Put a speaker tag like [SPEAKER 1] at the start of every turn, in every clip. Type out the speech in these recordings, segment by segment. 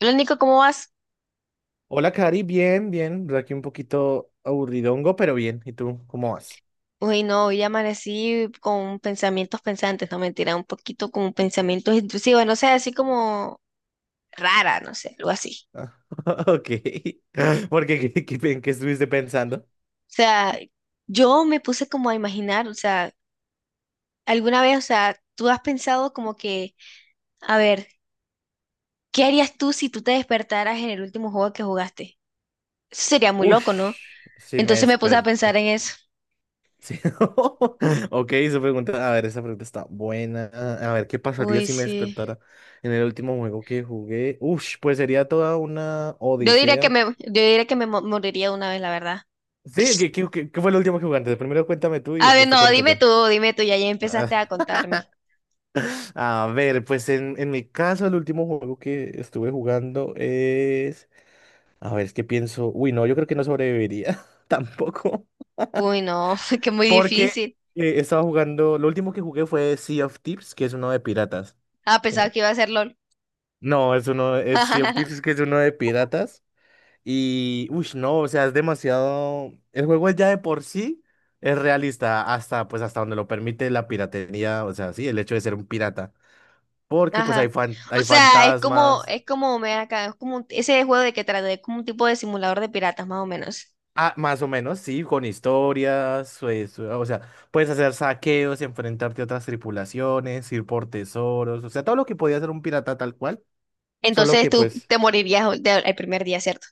[SPEAKER 1] Lo único, ¿cómo vas?
[SPEAKER 2] Hola, Cari, bien, bien. Aquí un poquito aburridongo, pero bien. ¿Y tú, cómo vas?
[SPEAKER 1] Uy, no, hoy amanecí con pensamientos pensantes, no mentira, un poquito con pensamientos intrusivos, no sé, así como rara, no sé, algo así.
[SPEAKER 2] Ah, ok. ¿Por qué? ¿En qué estuviste pensando?
[SPEAKER 1] O sea, yo me puse como a imaginar, o sea, alguna vez, o sea, tú has pensado como que, a ver, ¿qué harías tú si tú te despertaras en el último juego que jugaste? Eso sería muy loco, ¿no?
[SPEAKER 2] Ush, sí me
[SPEAKER 1] Entonces me puse a pensar
[SPEAKER 2] desperta.
[SPEAKER 1] en eso.
[SPEAKER 2] Sí. Ok, esa pregunta, a ver, esa pregunta está buena. A ver, ¿qué pasaría
[SPEAKER 1] Uy,
[SPEAKER 2] si me
[SPEAKER 1] sí.
[SPEAKER 2] despertara en el último juego que jugué? Ush, pues sería toda una
[SPEAKER 1] Yo diría que
[SPEAKER 2] odisea.
[SPEAKER 1] me, yo diría que moriría de una vez, la verdad.
[SPEAKER 2] Sí, ¿qué fue lo último que jugaste? Primero cuéntame tú y
[SPEAKER 1] A ver,
[SPEAKER 2] después te
[SPEAKER 1] no,
[SPEAKER 2] cuento yo.
[SPEAKER 1] dime tú, ya, ya empezaste a contarme.
[SPEAKER 2] A ver, pues en mi caso el último juego que estuve jugando es... A ver, es que pienso... Uy, no, yo creo que no sobreviviría tampoco.
[SPEAKER 1] Uy, no, que muy
[SPEAKER 2] Porque
[SPEAKER 1] difícil.
[SPEAKER 2] estaba jugando... Lo último que jugué fue Sea of Thieves, que es uno de piratas.
[SPEAKER 1] Ah, pensaba
[SPEAKER 2] ¿Sí?
[SPEAKER 1] que iba a ser LOL.
[SPEAKER 2] No, es uno... Es Sea of Thieves, que es uno de piratas. Y... Uy, no, o sea, es demasiado... El juego ya de por sí es realista hasta, pues, hasta donde lo permite la piratería. O sea, sí, el hecho de ser un pirata. Porque pues hay,
[SPEAKER 1] Ajá. O
[SPEAKER 2] hay
[SPEAKER 1] sea,
[SPEAKER 2] fantasmas.
[SPEAKER 1] es como, me acá, es como ese juego de que trata, es como un tipo de simulador de piratas, más o menos.
[SPEAKER 2] Ah, más o menos, sí, con historias, pues, o sea, puedes hacer saqueos, enfrentarte a otras tripulaciones, ir por tesoros, o sea, todo lo que podía hacer un pirata tal cual, solo
[SPEAKER 1] Entonces
[SPEAKER 2] que
[SPEAKER 1] tú
[SPEAKER 2] pues,
[SPEAKER 1] te morirías el primer día, ¿cierto?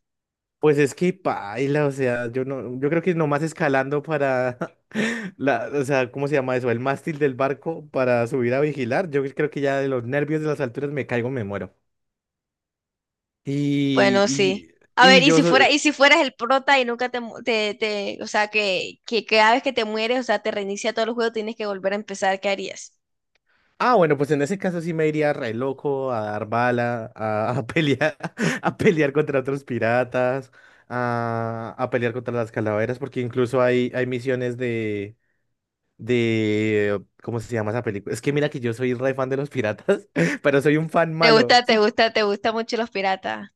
[SPEAKER 2] pues es que paila, o sea, yo no, yo creo que nomás escalando para la, o sea, ¿cómo se llama eso? El mástil del barco para subir a vigilar, yo creo que ya de los nervios de las alturas me caigo, me muero.
[SPEAKER 1] Bueno, sí.
[SPEAKER 2] Y,
[SPEAKER 1] A
[SPEAKER 2] y,
[SPEAKER 1] ver,
[SPEAKER 2] y
[SPEAKER 1] y
[SPEAKER 2] yo,
[SPEAKER 1] si fuera, y si fueras el prota y nunca te, mu- te- o sea, que cada vez que te mueres, o sea, te reinicia todo el juego, tienes que volver a empezar, ¿qué harías?
[SPEAKER 2] Ah, bueno, pues en ese caso sí me iría re loco a dar bala, a pelear, a pelear contra otros piratas, a pelear contra las calaveras, porque incluso hay, hay misiones de, ¿cómo se llama esa película? Es que mira que yo soy re fan de los piratas, pero soy un fan
[SPEAKER 1] ¿Te
[SPEAKER 2] malo, o
[SPEAKER 1] gusta, te
[SPEAKER 2] sea,
[SPEAKER 1] gusta, te gusta mucho los piratas?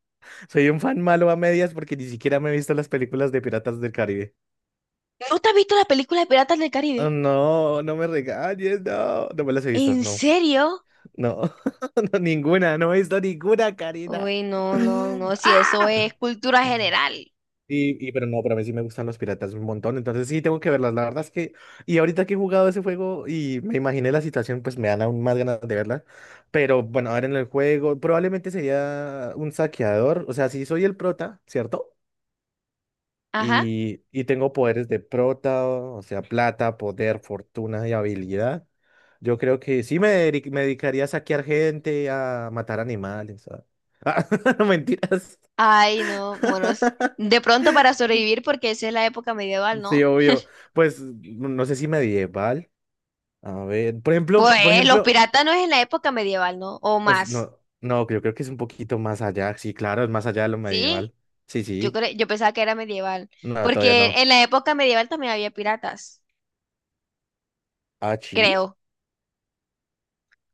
[SPEAKER 2] soy un fan malo a medias porque ni siquiera me he visto las películas de Piratas del Caribe.
[SPEAKER 1] ¿No te has visto la película de Piratas del
[SPEAKER 2] Oh,
[SPEAKER 1] Caribe?
[SPEAKER 2] no, no me regañes, no, no me las he visto,
[SPEAKER 1] ¿En
[SPEAKER 2] no.
[SPEAKER 1] serio?
[SPEAKER 2] No, no, ninguna, no he visto ninguna, Karina.
[SPEAKER 1] Uy, no, no, no, si eso
[SPEAKER 2] ¡Ah!
[SPEAKER 1] es cultura general.
[SPEAKER 2] Pero no, pero a mí sí me gustan los piratas un montón, entonces sí tengo que verlas. La verdad es que, y ahorita que he jugado ese juego y me imaginé la situación, pues me dan aún más ganas de verla. Pero bueno, ahora en el juego probablemente sería un saqueador, o sea, si soy el prota, ¿cierto?
[SPEAKER 1] Ajá.
[SPEAKER 2] Y tengo poderes de prota, o sea, plata, poder, fortuna y habilidad. Yo creo que sí me, me dedicaría a saquear gente, a matar animales. Ah, mentiras.
[SPEAKER 1] Ay, no, bueno, de pronto para sobrevivir porque esa es la época medieval,
[SPEAKER 2] Sí,
[SPEAKER 1] ¿no?
[SPEAKER 2] obvio. Pues no no sé si medieval. A ver, por
[SPEAKER 1] Pues los
[SPEAKER 2] ejemplo,
[SPEAKER 1] piratas no es en la época medieval, ¿no? O
[SPEAKER 2] pues
[SPEAKER 1] más.
[SPEAKER 2] no, no, yo creo que es un poquito más allá. Sí, claro, es más allá de lo
[SPEAKER 1] ¿Sí?
[SPEAKER 2] medieval. Sí, sí.
[SPEAKER 1] Yo pensaba que era medieval,
[SPEAKER 2] No, todavía no.
[SPEAKER 1] porque en la época medieval también había piratas,
[SPEAKER 2] Ah, sí.
[SPEAKER 1] creo.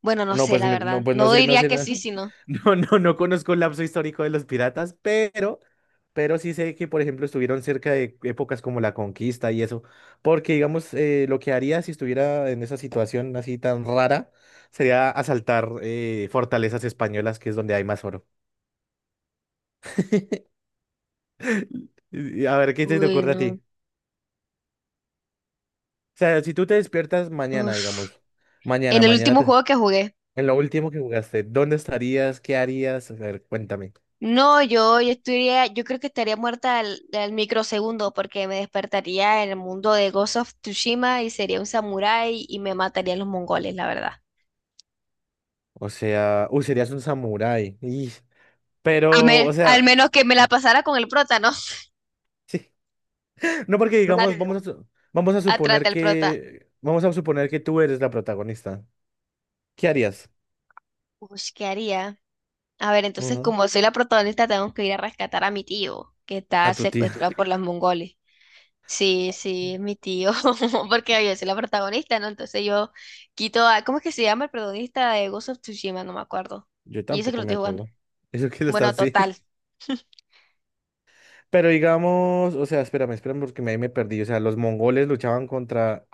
[SPEAKER 1] Bueno, no
[SPEAKER 2] No,
[SPEAKER 1] sé,
[SPEAKER 2] pues
[SPEAKER 1] la
[SPEAKER 2] no,
[SPEAKER 1] verdad.
[SPEAKER 2] pues no
[SPEAKER 1] No
[SPEAKER 2] sé, no
[SPEAKER 1] diría
[SPEAKER 2] sé,
[SPEAKER 1] que
[SPEAKER 2] no,
[SPEAKER 1] sí, sino.
[SPEAKER 2] no, no, no conozco el lapso histórico de los piratas, pero sí sé que, por ejemplo, estuvieron cerca de épocas como la conquista y eso, porque, digamos, lo que haría si estuviera en esa situación así tan rara sería asaltar fortalezas españolas, que es donde hay más oro. Y a ver, ¿qué se te
[SPEAKER 1] Uy,
[SPEAKER 2] ocurre a
[SPEAKER 1] no.
[SPEAKER 2] ti? O sea, si tú te despiertas mañana,
[SPEAKER 1] Uf.
[SPEAKER 2] digamos,
[SPEAKER 1] En
[SPEAKER 2] mañana,
[SPEAKER 1] el
[SPEAKER 2] mañana,
[SPEAKER 1] último
[SPEAKER 2] te-
[SPEAKER 1] juego que jugué.
[SPEAKER 2] en lo último que jugaste, ¿dónde estarías? ¿Qué harías? A ver, cuéntame.
[SPEAKER 1] No, yo estaría, yo creo que estaría muerta al, al microsegundo porque me despertaría en el mundo de Ghost of Tsushima y sería un samurái y me matarían los mongoles, la verdad.
[SPEAKER 2] O sea, uy, serías un samurái. Pero, o
[SPEAKER 1] Al
[SPEAKER 2] sea,
[SPEAKER 1] menos que me la pasara con el prota, ¿no?
[SPEAKER 2] sí. No porque digamos,
[SPEAKER 1] A-
[SPEAKER 2] vamos a
[SPEAKER 1] Atrás
[SPEAKER 2] suponer
[SPEAKER 1] del prota.
[SPEAKER 2] que, vamos a suponer que tú eres la protagonista. ¿Qué harías?
[SPEAKER 1] Uy, ¿qué haría? A ver, entonces
[SPEAKER 2] Ujú.
[SPEAKER 1] como soy la protagonista, tengo que ir a rescatar a mi tío que
[SPEAKER 2] A
[SPEAKER 1] está
[SPEAKER 2] tu
[SPEAKER 1] secuestrado
[SPEAKER 2] tía.
[SPEAKER 1] por los mongoles. Sí, sí, es mi tío, porque yo soy la protagonista, ¿no? Entonces yo quito a, ¿cómo es que se llama el protagonista de Ghost of Tsushima? No me acuerdo.
[SPEAKER 2] Yo
[SPEAKER 1] Y eso que
[SPEAKER 2] tampoco
[SPEAKER 1] lo
[SPEAKER 2] me
[SPEAKER 1] estoy jugando.
[SPEAKER 2] acuerdo. Eso que está
[SPEAKER 1] Bueno,
[SPEAKER 2] así.
[SPEAKER 1] total.
[SPEAKER 2] Pero digamos, o sea, espérame porque me ahí me perdí. O sea, los mongoles luchaban contra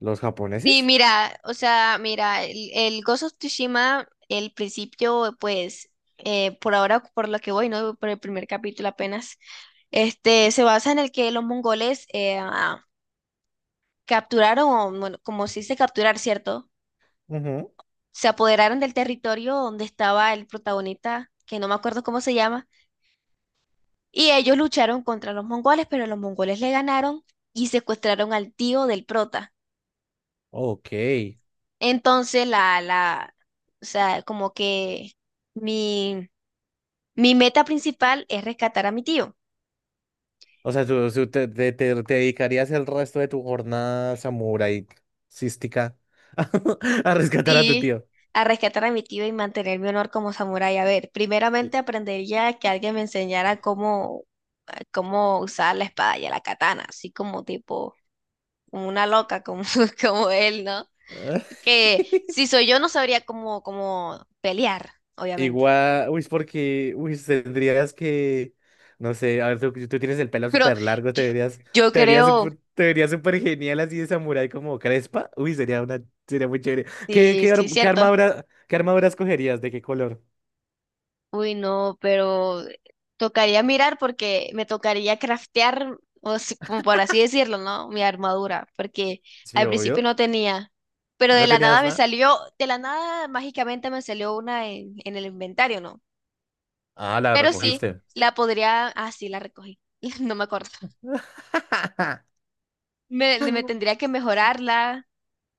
[SPEAKER 2] los
[SPEAKER 1] Sí,
[SPEAKER 2] japoneses.
[SPEAKER 1] mira, o sea, mira, el Ghost of Tsushima, el principio, pues, por ahora, por lo que voy, ¿no? Por el primer capítulo apenas, este, se basa en el que los mongoles capturaron, o, bueno, como se dice capturar, ¿cierto?
[SPEAKER 2] Ujú.
[SPEAKER 1] Se apoderaron del territorio donde estaba el protagonista, que no me acuerdo cómo se llama, y ellos lucharon contra los mongoles, pero los mongoles le ganaron y secuestraron al tío del prota.
[SPEAKER 2] Ok.
[SPEAKER 1] Entonces, o sea, como que mi, mi meta principal es rescatar a mi tío.
[SPEAKER 2] O sea, tú, tú te dedicarías el resto de tu jornada samurai cística a rescatar a tu
[SPEAKER 1] Sí,
[SPEAKER 2] tío.
[SPEAKER 1] a rescatar a mi tío y mantener mi honor como samurái. A ver, primeramente aprendería que alguien me enseñara cómo, cómo usar la espada y la katana, así como tipo una loca como, como él, ¿no? Que si soy yo no sabría cómo, cómo pelear, obviamente.
[SPEAKER 2] Igual, uy, es porque, uy, tendrías que, no sé, a ver, tú tienes el pelo
[SPEAKER 1] Pero
[SPEAKER 2] súper largo,
[SPEAKER 1] yo,
[SPEAKER 2] te verías,
[SPEAKER 1] yo creo,
[SPEAKER 2] te verías súper genial así de samurái como Crespa. Uy, sería una, sería muy chévere.
[SPEAKER 1] sí, sí,
[SPEAKER 2] ¿Qué
[SPEAKER 1] cierto.
[SPEAKER 2] armadura, qué armadura escogerías? ¿De qué color?
[SPEAKER 1] Uy, no, pero tocaría mirar porque me tocaría craftear, o como por así decirlo, ¿no? Mi armadura, porque
[SPEAKER 2] Sí,
[SPEAKER 1] al principio
[SPEAKER 2] obvio.
[SPEAKER 1] no tenía. Pero de
[SPEAKER 2] ¿No
[SPEAKER 1] la nada
[SPEAKER 2] tenías
[SPEAKER 1] me
[SPEAKER 2] nada?
[SPEAKER 1] salió, de la nada mágicamente me salió una en el inventario, ¿no?
[SPEAKER 2] Ah, la
[SPEAKER 1] Pero sí,
[SPEAKER 2] recogiste.
[SPEAKER 1] la podría, ah, sí, la recogí. No me acuerdo. Me tendría que mejorarla.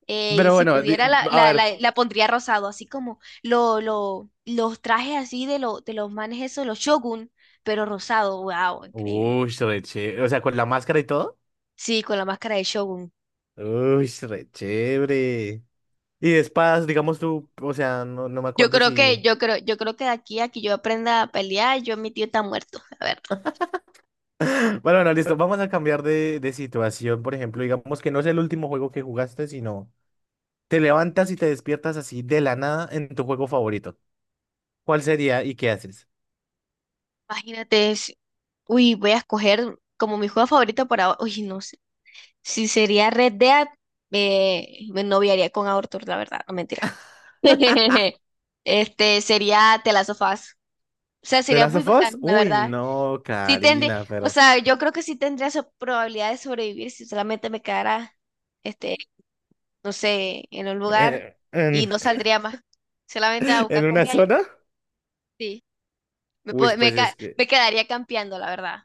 [SPEAKER 1] Eh, y
[SPEAKER 2] Pero
[SPEAKER 1] si
[SPEAKER 2] bueno,
[SPEAKER 1] pudiera, la,
[SPEAKER 2] a
[SPEAKER 1] la,
[SPEAKER 2] ver.
[SPEAKER 1] la, la pondría rosado, así como los trajes así de, lo, de los manes esos, los Shogun, pero rosado. Wow, increíble.
[SPEAKER 2] Uy, re chévere. O sea, con la máscara y todo.
[SPEAKER 1] Sí, con la máscara de Shogun.
[SPEAKER 2] Uy, re chévere. Y de espadas, digamos tú, o sea, no, no me acuerdo si...
[SPEAKER 1] Yo creo que de aquí a que yo aprenda a pelear, yo mi tío está muerto. A ver,
[SPEAKER 2] Bueno, bueno, listo, vamos a cambiar de situación, por ejemplo, digamos que no es el último juego que jugaste, sino te levantas y te despiertas así de la nada en tu juego favorito. ¿Cuál sería y qué haces?
[SPEAKER 1] imagínate. Uy, voy a escoger como mi juego favorito por ahora. Uy, no sé. Si sería Red Dead, me noviaría con Arthur, la verdad, no mentira. Este sería The Last of Us. O sea,
[SPEAKER 2] ¿The
[SPEAKER 1] sería
[SPEAKER 2] Last
[SPEAKER 1] muy
[SPEAKER 2] of Us?
[SPEAKER 1] bacano, la
[SPEAKER 2] Uy,
[SPEAKER 1] verdad.
[SPEAKER 2] no,
[SPEAKER 1] Sí tendría,
[SPEAKER 2] Karina,
[SPEAKER 1] o
[SPEAKER 2] pero...
[SPEAKER 1] sea, yo creo que sí tendría probabilidad de sobrevivir si solamente me quedara, este, no sé, en un lugar
[SPEAKER 2] eh,
[SPEAKER 1] y
[SPEAKER 2] en,
[SPEAKER 1] no saldría más. Solamente a
[SPEAKER 2] ¿en
[SPEAKER 1] buscar
[SPEAKER 2] una
[SPEAKER 1] comida y
[SPEAKER 2] zona?
[SPEAKER 1] sí. Me,
[SPEAKER 2] Uy,
[SPEAKER 1] pod- me,
[SPEAKER 2] pues es
[SPEAKER 1] ca-
[SPEAKER 2] que...
[SPEAKER 1] me quedaría campeando, la verdad.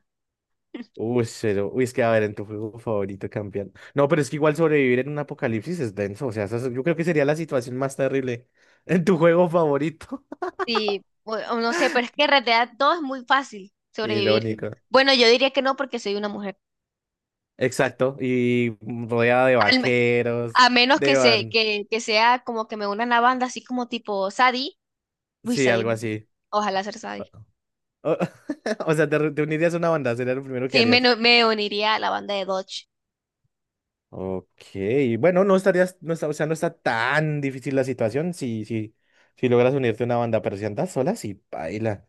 [SPEAKER 2] Uy, cero. Uy, es que a ver, en tu juego favorito campeón. No, pero es que igual sobrevivir en un apocalipsis es denso. O sea, eso es- yo creo que sería la situación más terrible en tu juego favorito.
[SPEAKER 1] Sí, o no sé, pero es que en realidad todo es muy fácil sobrevivir. Sí.
[SPEAKER 2] Irónico.
[SPEAKER 1] Bueno, yo diría que no porque soy una mujer.
[SPEAKER 2] Exacto. Y rodeada de
[SPEAKER 1] Al me-
[SPEAKER 2] vaqueros,
[SPEAKER 1] a menos
[SPEAKER 2] de
[SPEAKER 1] que,
[SPEAKER 2] van.
[SPEAKER 1] que sea como que me una a la banda así como tipo Sadie. Uy,
[SPEAKER 2] Sí,
[SPEAKER 1] Sadie.
[SPEAKER 2] algo así.
[SPEAKER 1] Ojalá ser Sadie.
[SPEAKER 2] O, o sea, te unirías a una banda, sería lo primero que
[SPEAKER 1] Sí, me,
[SPEAKER 2] harías.
[SPEAKER 1] no- me uniría a la banda de Dodge.
[SPEAKER 2] Ok, bueno, no estarías, no está, o sea, no está tan difícil la situación si logras unirte a una banda, pero si andas sola, sí, baila.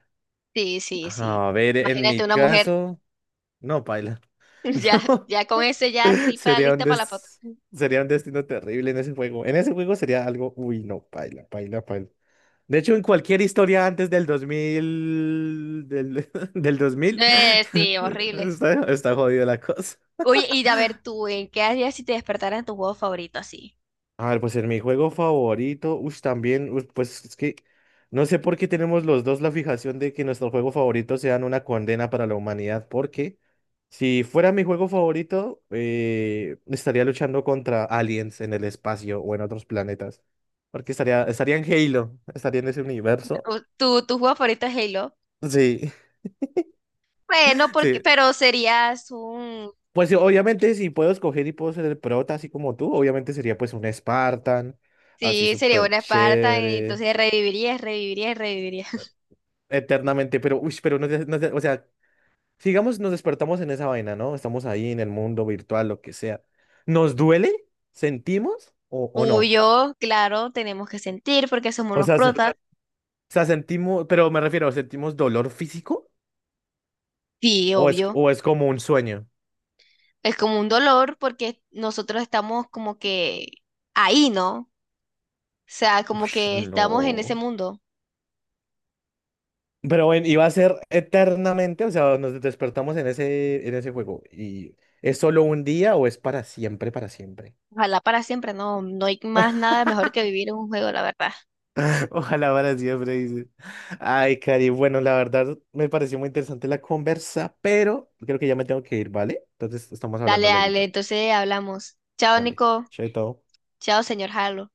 [SPEAKER 1] Sí, sí, sí.
[SPEAKER 2] A ver, en
[SPEAKER 1] Imagínate
[SPEAKER 2] mi
[SPEAKER 1] una mujer.
[SPEAKER 2] caso. No, paila.
[SPEAKER 1] Ya,
[SPEAKER 2] No,
[SPEAKER 1] ya con ese ya tipa
[SPEAKER 2] sería un
[SPEAKER 1] lista para la foto.
[SPEAKER 2] des... sería un destino terrible en ese juego. En ese juego sería algo, uy, no, paila, paila, paila. De hecho, en cualquier historia antes del 2000, del 2000,
[SPEAKER 1] Sí, horrible.
[SPEAKER 2] está, está jodida la cosa.
[SPEAKER 1] Oye, y a ver tú, ¿en qué harías si te despertaran tu juego favorito así?
[SPEAKER 2] A ver, pues en mi juego favorito, uy, también, uy, pues es que no sé por qué tenemos los dos la fijación de que nuestros juegos favoritos sean una condena para la humanidad, porque si fuera mi juego favorito, estaría luchando contra aliens en el espacio o en otros planetas, porque estaría, estaría en Halo, estaría en ese universo.
[SPEAKER 1] O- ¿Tu, tu juego favorito es Halo?
[SPEAKER 2] Sí,
[SPEAKER 1] Bueno, porque,
[SPEAKER 2] sí.
[SPEAKER 1] pero serías un...
[SPEAKER 2] Pues sí, obviamente si puedo escoger y puedo ser el prota así como tú, obviamente sería pues un Spartan, así
[SPEAKER 1] Sí, sería
[SPEAKER 2] súper
[SPEAKER 1] una Esparta, y
[SPEAKER 2] chévere.
[SPEAKER 1] entonces revivirías, revivirías, revivirías.
[SPEAKER 2] Eternamente, pero, uy, pero no, o sea, sigamos, nos despertamos en esa vaina, ¿no? Estamos ahí en el mundo virtual, lo que sea. ¿Nos duele? ¿Sentimos o no?
[SPEAKER 1] Obvio, claro, tenemos que sentir porque somos
[SPEAKER 2] O
[SPEAKER 1] los
[SPEAKER 2] sea,
[SPEAKER 1] protas.
[SPEAKER 2] sentimos, pero me refiero, ¿sentimos dolor físico?
[SPEAKER 1] Sí, obvio.
[SPEAKER 2] O es como un sueño?
[SPEAKER 1] Es como un dolor porque nosotros estamos como que ahí, ¿no? O sea,
[SPEAKER 2] Uy,
[SPEAKER 1] como que estamos en ese
[SPEAKER 2] no.
[SPEAKER 1] mundo.
[SPEAKER 2] Pero bueno, iba a ser eternamente, o sea, nos despertamos en ese juego. ¿Y es solo un día o es para siempre, para siempre?
[SPEAKER 1] Ojalá para siempre, no, no hay más nada mejor que vivir en un juego, la verdad.
[SPEAKER 2] Ojalá para siempre, dice. Ay, Cari, bueno, la verdad me pareció muy interesante la conversa, pero creo que ya me tengo que ir, ¿vale? Entonces estamos
[SPEAKER 1] Dale,
[SPEAKER 2] hablando luego.
[SPEAKER 1] dale, entonces hablamos. Chao,
[SPEAKER 2] Dale,
[SPEAKER 1] Nico.
[SPEAKER 2] chaito.
[SPEAKER 1] Chao, señor Halo.